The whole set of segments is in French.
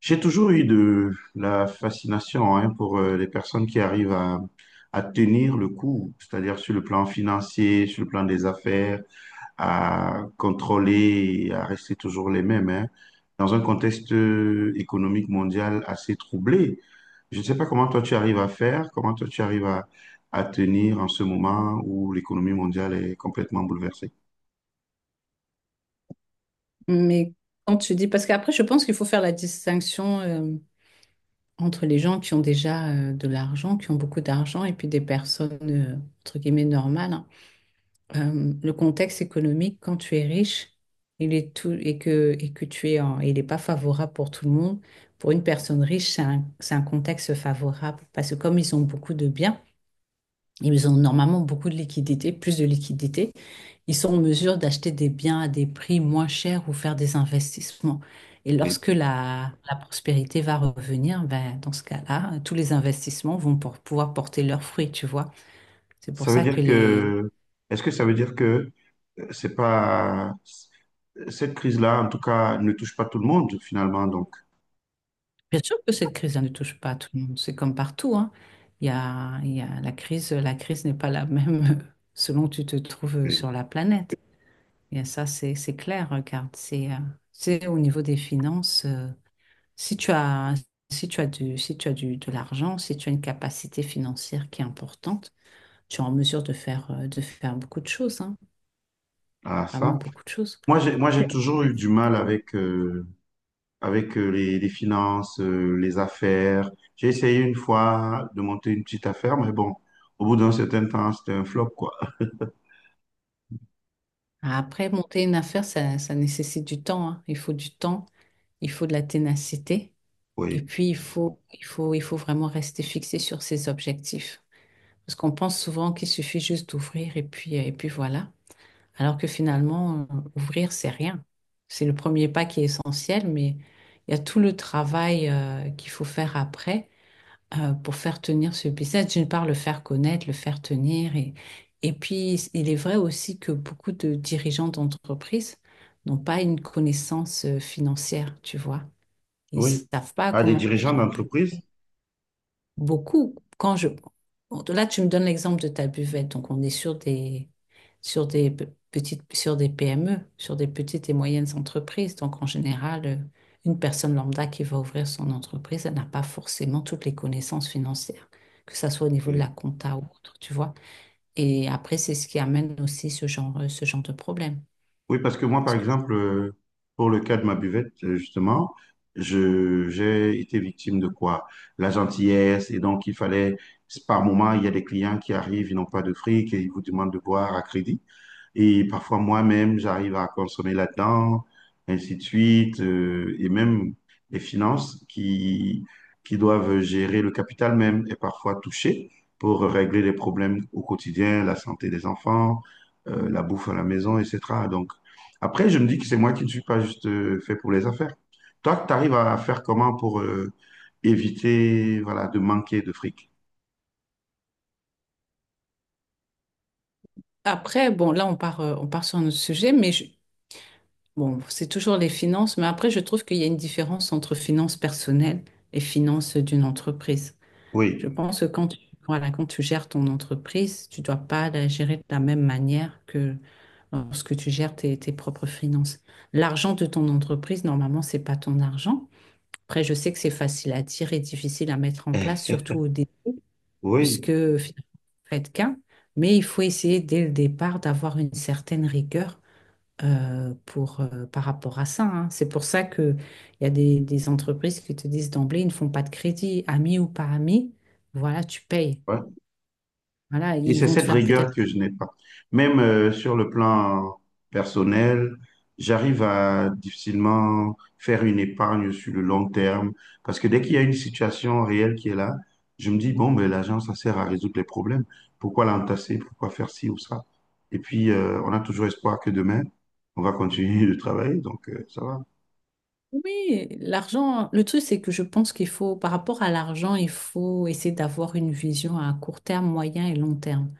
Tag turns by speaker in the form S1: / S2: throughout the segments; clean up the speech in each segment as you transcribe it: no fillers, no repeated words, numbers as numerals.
S1: J'ai toujours eu de la fascination hein, pour les personnes qui arrivent à tenir le coup, c'est-à-dire sur le plan financier, sur le plan des affaires, à contrôler et à rester toujours les mêmes, hein, dans un contexte économique mondial assez troublé. Je ne sais pas comment toi tu arrives à faire, comment toi tu arrives à tenir en ce moment où l'économie mondiale est complètement bouleversée.
S2: Mais quand tu dis, parce qu'après, je pense qu'il faut faire la distinction entre les gens qui ont déjà de l'argent, qui ont beaucoup d'argent, et puis des personnes, entre guillemets, normales, hein. Le contexte économique, quand tu es riche, il est tout, et que il n'est pas favorable pour tout le monde. Pour une personne riche, c'est un contexte favorable, parce que comme ils ont beaucoup de biens, ils ont normalement beaucoup de liquidités, plus de liquidités. Ils sont en mesure d'acheter des biens à des prix moins chers ou faire des investissements. Et
S1: Oui.
S2: lorsque la prospérité va revenir, ben, dans ce cas-là, tous les investissements vont pouvoir porter leurs fruits, tu vois. C'est pour
S1: Ça veut
S2: ça
S1: dire
S2: que les...
S1: que, est-ce que ça veut dire que c'est pas cette crise-là, en tout cas, ne touche pas tout le monde finalement. Donc,
S2: Bien sûr que cette crise, elle ne touche pas à tout le monde. C'est comme partout, hein. Il y a la crise n'est pas la même selon où tu te trouves
S1: euh,
S2: sur la planète. Et ça, c'est clair, regarde. C'est au niveau des finances. Si tu as, de l'argent, si tu as une capacité financière qui est importante, tu es en mesure de faire beaucoup de choses, hein.
S1: à
S2: Vraiment
S1: ça.
S2: beaucoup de choses.
S1: Moi, j'ai toujours
S2: Ouais.
S1: eu du mal avec les finances, les affaires. J'ai essayé une fois de monter une petite affaire, mais bon, au bout d'un certain temps, c'était un flop, quoi.
S2: Après, monter une affaire, ça nécessite du temps, hein. Il faut du temps, il faut de la ténacité, et
S1: Oui,
S2: puis il faut vraiment rester fixé sur ses objectifs. Parce qu'on pense souvent qu'il suffit juste d'ouvrir et puis voilà. Alors que finalement, ouvrir, c'est rien. C'est le premier pas qui est essentiel, mais il y a tout le travail qu'il faut faire après pour faire tenir ce business. D'une part, le faire connaître, le faire tenir. Et puis, il est vrai aussi que beaucoup de dirigeants d'entreprises n'ont pas une connaissance financière, tu vois. Ils
S1: oui.
S2: savent pas
S1: À des
S2: comment
S1: dirigeants
S2: gérer un budget
S1: d'entreprise.
S2: beaucoup. Quand je... Bon, là, tu me donnes l'exemple de ta buvette. Donc, on est sur des, sur des pe- petites, sur des PME, sur des petites et moyennes entreprises. Donc, en général, une personne lambda qui va ouvrir son entreprise, elle n'a pas forcément toutes les connaissances financières, que ça soit au niveau de la compta ou autre, tu vois. Et après, c'est ce qui amène aussi ce genre de problème.
S1: Oui, parce que moi, par
S2: Parce que-
S1: exemple, pour le cas de ma buvette, justement, j'ai été victime de quoi? La gentillesse, et donc il fallait, par moment, il y a des clients qui arrivent, ils n'ont pas de fric et ils vous demandent de boire à crédit. Et parfois moi-même, j'arrive à consommer là-dedans, ainsi de suite, et même les finances qui doivent gérer le capital même est parfois touchée pour régler les problèmes au quotidien, la santé des enfants, la bouffe à la maison, etc. Donc après, je me dis que c'est moi qui ne suis pas juste fait pour les affaires. Toi, tu arrives à faire comment pour éviter voilà, de manquer de fric?
S2: Après, bon, là, on part sur notre sujet, bon, c'est toujours les finances, mais après, je trouve qu'il y a une différence entre finances personnelles et finances d'une entreprise. Je
S1: Oui,
S2: pense que quand tu, voilà, quand tu gères ton entreprise, tu dois pas la gérer de la même manière que lorsque tu gères tes propres finances. L'argent de ton entreprise, normalement, c'est pas ton argent. Après, je sais que c'est facile à dire et difficile à mettre en place, surtout au début,
S1: oui,
S2: puisque faites qu'un, mais il faut essayer dès le départ d'avoir une certaine rigueur par rapport à ça, hein. C'est pour ça qu'il y a des entreprises qui te disent d'emblée, ils ne font pas de crédit, ami ou pas ami, voilà, tu payes. Voilà,
S1: et
S2: ils
S1: c'est
S2: vont te
S1: cette
S2: faire peut-être...
S1: rigueur que je n'ai pas. Même sur le plan personnel, j'arrive à difficilement faire une épargne sur le long terme parce que dès qu'il y a une situation réelle qui est là, je me dis, bon, ben, l'argent, ça sert à résoudre les problèmes. Pourquoi l'entasser? Pourquoi faire ci ou ça? Et puis, on a toujours espoir que demain, on va continuer de travailler, donc ça va.
S2: Oui, l'argent, le truc, c'est que je pense qu'il faut, par rapport à l'argent, il faut essayer d'avoir une vision à court terme, moyen et long terme.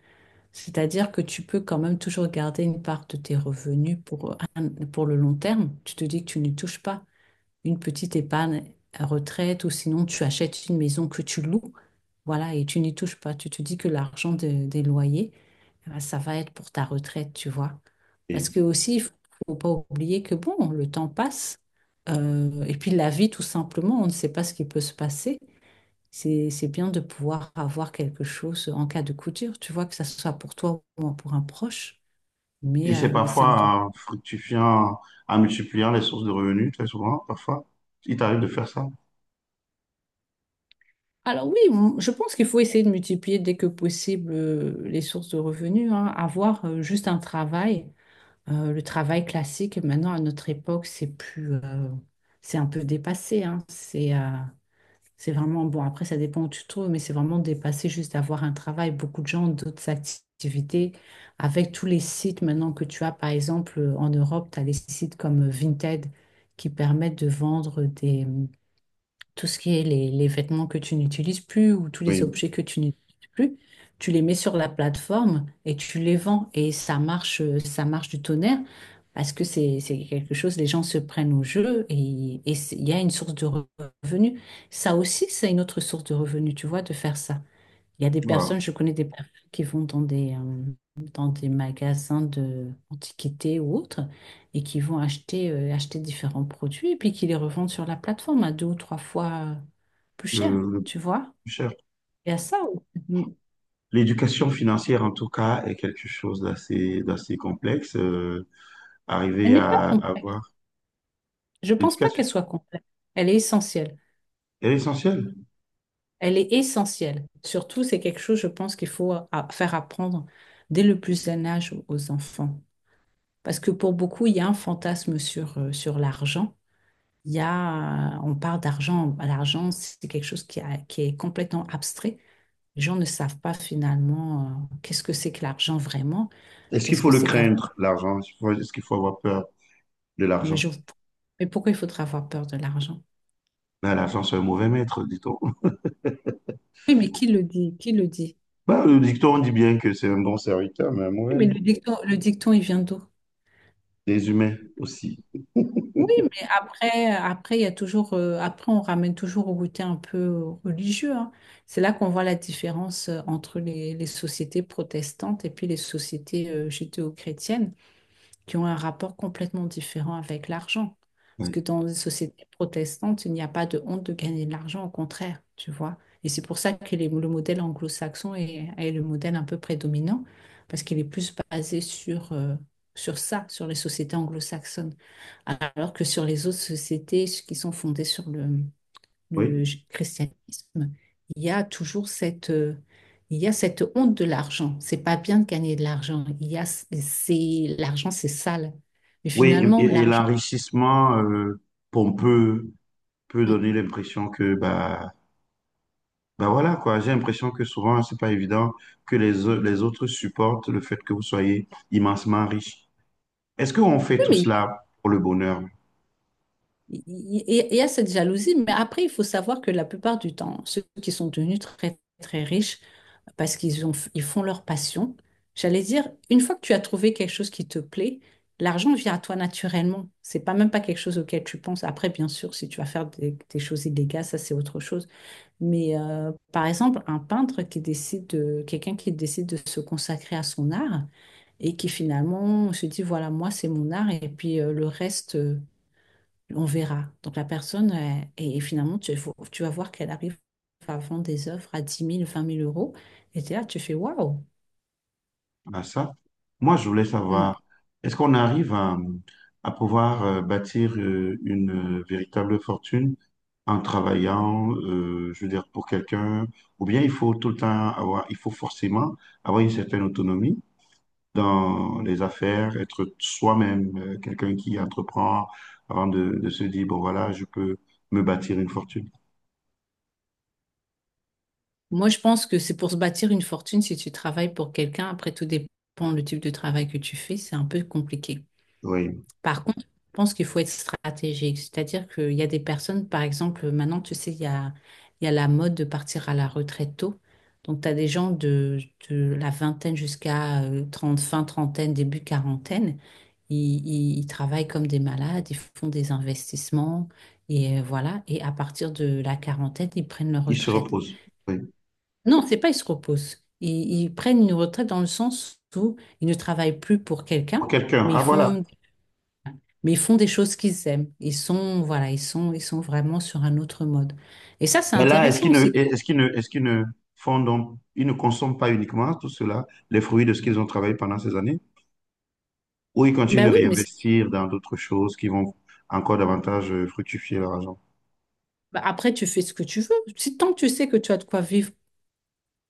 S2: C'est-à-dire que tu peux quand même toujours garder une part de tes revenus pour le long terme. Tu te dis que tu ne touches pas. Une petite épargne à retraite ou sinon tu achètes une maison que tu loues, voilà, et tu n'y touches pas. Tu te dis que des loyers, eh ben, ça va être pour ta retraite, tu vois. Parce
S1: Et,
S2: que aussi, il faut faut pas oublier que bon, le temps passe et puis la vie, tout simplement, on ne sait pas ce qui peut se passer. C'est bien de pouvoir avoir quelque chose en cas de coup dur, tu vois, que ça soit pour toi ou pour un proche,
S1: et c'est
S2: mais c'est important.
S1: parfois en fructifiant, en multipliant les sources de revenus, très souvent, parfois, il t'arrive de faire ça.
S2: Je pense qu'il faut essayer de multiplier dès que possible les sources de revenus, hein. Avoir juste un travail, le travail classique, maintenant à notre époque, c'est un peu dépassé, hein. C'est vraiment, bon après ça dépend où tu te trouves, mais c'est vraiment dépassé juste d'avoir un travail. Beaucoup de gens ont d'autres activités avec tous les sites maintenant que tu as, par exemple en Europe, tu as des sites comme Vinted qui permettent de vendre des tout ce qui est les vêtements que tu n'utilises plus ou tous les
S1: Oui,
S2: objets que tu n'utilises plus, tu les mets sur la plateforme et tu les vends. Et ça marche du tonnerre parce que c'est quelque chose, les gens se prennent au jeu il y a une source de revenus. Ça aussi, c'est une autre source de revenus, tu vois, de faire ça. Il y a des
S1: voilà.
S2: personnes, je connais des personnes qui vont dans dans des magasins de antiquités ou autres et qui vont acheter, acheter différents produits et puis qui les revendent sur la plateforme à deux ou trois fois plus
S1: le,
S2: cher,
S1: le
S2: tu vois.
S1: plus cher.
S2: Et à ça, on-
S1: L'éducation financière, en tout cas, est quelque chose d'assez complexe.
S2: elle
S1: Arriver
S2: n'est pas
S1: à
S2: complète.
S1: avoir
S2: Je ne pense pas
S1: l'éducation
S2: qu'elle soit complète. Elle est essentielle.
S1: elle est essentielle.
S2: Elle est essentielle. Surtout, c'est quelque chose, je pense, faire apprendre dès le plus jeune âge aux aux enfants. Parce que pour beaucoup, il y a un fantasme sur l'argent. On parle d'argent. L'argent, c'est quelque chose qui est complètement abstrait. Les gens ne savent pas finalement qu'est-ce que c'est que l'argent vraiment,
S1: Est-ce qu'il
S2: qu'est-ce
S1: faut
S2: que
S1: le
S2: c'est qu'avoir.
S1: craindre, l'argent? Est-ce qu'il faut avoir peur de
S2: Mais,
S1: l'argent?
S2: je- mais pourquoi il faudrait avoir peur de l'argent?
S1: Ben, l'argent, c'est un mauvais maître, dit-on.
S2: Oui, mais qui le dit? Qui le dit?
S1: Ben, le dicton on dit bien que c'est un bon serviteur, mais un
S2: Oui,
S1: mauvais
S2: mais
S1: maître.
S2: le dicton, il vient d'où?
S1: Les humains aussi.
S2: Oui, mais il y a toujours, on ramène toujours au côté un peu religieux, hein. C'est là qu'on voit la différence entre les sociétés protestantes et puis les sociétés judéo-chrétiennes qui ont un rapport complètement différent avec l'argent. Parce
S1: Oui.
S2: que dans les sociétés protestantes, il n'y a pas de honte de gagner de l'argent, au contraire, tu vois. Et c'est pour ça le modèle anglo-saxon est le modèle un peu prédominant, parce qu'il est plus basé sur ça, sur les sociétés anglo-saxonnes, alors que sur les autres sociétés qui sont fondées sur
S1: Oui,
S2: christianisme, il y a toujours il y a cette honte de l'argent. C'est pas bien de gagner de l'argent. Il y a, c'est, l'argent, c'est sale. Mais
S1: Oui,
S2: finalement,
S1: et
S2: l'argent,
S1: l'enrichissement pompeux peut donner l'impression que bah, ben voilà quoi, j'ai l'impression que souvent c'est pas évident que les autres supportent le fait que vous soyez immensement riche. Est-ce qu'on fait
S2: oui,
S1: tout
S2: mais.
S1: cela pour le bonheur
S2: Il y a cette jalousie, mais après, il faut savoir que la plupart du temps, ceux qui sont devenus très, très riches, parce qu'ils font leur passion, j'allais dire, une fois que tu as trouvé quelque chose qui te plaît, l'argent vient à toi naturellement. C'est pas même pas quelque chose auquel tu penses. Après, bien sûr, si tu vas faire des choses illégales, ça c'est autre chose. Mais par exemple, un peintre qui décide de, quelqu'un qui décide de se consacrer à son art et qui finalement se dit, voilà, moi, c'est mon art et puis le reste, on verra. Donc la personne, et finalement, tu vas voir qu'elle arrive à vendre des œuvres à 10 000, 20 000 euros. Et t'es là, tu fais waouh.
S1: à ça? Moi je voulais
S2: Hmm.
S1: savoir, est-ce qu'on arrive à pouvoir bâtir une véritable fortune en travaillant, je veux dire, pour quelqu'un, ou bien il faut tout le temps avoir, il faut forcément avoir une certaine autonomie dans les affaires, être soi-même, quelqu'un qui entreprend avant de se dire, bon voilà, je peux me bâtir une fortune.
S2: Moi, je pense que c'est pour se bâtir une fortune si tu travailles pour quelqu'un. Après, tout dépend le type de travail que tu fais. C'est un peu compliqué.
S1: Oui,
S2: Par contre, je pense qu'il faut être stratégique. C'est-à-dire qu'il y a des personnes, par exemple, maintenant, tu sais, il y a la mode de partir à la retraite tôt. Donc, tu as des gens de la vingtaine jusqu'à 30, fin trentaine, début quarantaine. Ils travaillent comme des malades, ils font des investissements et voilà. Et à partir de la quarantaine, ils prennent leur
S1: il se
S2: retraite.
S1: repose. Oui.
S2: Non, c'est pas ils se reposent. Ils prennent une retraite dans le sens où ils ne travaillent plus pour
S1: Pour
S2: quelqu'un,
S1: quelqu'un,
S2: mais ils
S1: ah voilà.
S2: font, mais ils font des choses qu'ils aiment. Ils sont, voilà, ils sont vraiment sur un autre mode. Et ça, c'est
S1: Mais là,
S2: intéressant aussi.
S1: est-ce qu'ils ne font donc, ils ne consomment pas uniquement tout cela, les fruits de ce qu'ils ont travaillé pendant ces années, ou ils continuent
S2: Ben
S1: de
S2: oui, mais c'est-
S1: réinvestir dans d'autres choses qui vont encore davantage fructifier leur argent?
S2: ben après, tu fais ce que tu veux. Si tant que tu sais que tu as de quoi vivre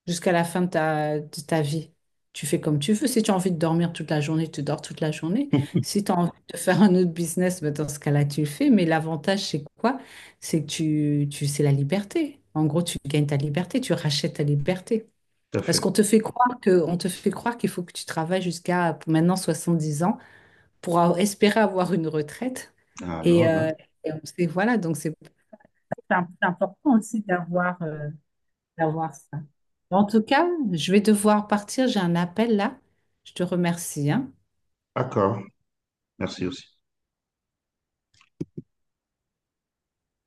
S2: jusqu'à la fin de de ta vie. Tu fais comme tu veux. Si tu as envie de dormir toute la journée, tu dors toute la journée.
S1: Tout
S2: Si tu as envie de faire un autre business, ben, dans ce cas-là, tu le fais. Mais l'avantage, c'est quoi? C'est que c'est la liberté. En gros, tu gagnes ta liberté, tu rachètes ta liberté.
S1: à
S2: Parce
S1: fait.
S2: qu'on te fait croire que, on te fait croire qu'il faut que tu travailles jusqu'à pour maintenant 10 ans espérer avoir une retraite. Et,
S1: Alors là,
S2: euh, voilà, donc c'est important aussi d'avoir, d'avoir ça. En tout cas, je vais devoir partir, j'ai un appel là. Je te remercie, hein.
S1: d'accord. Merci aussi.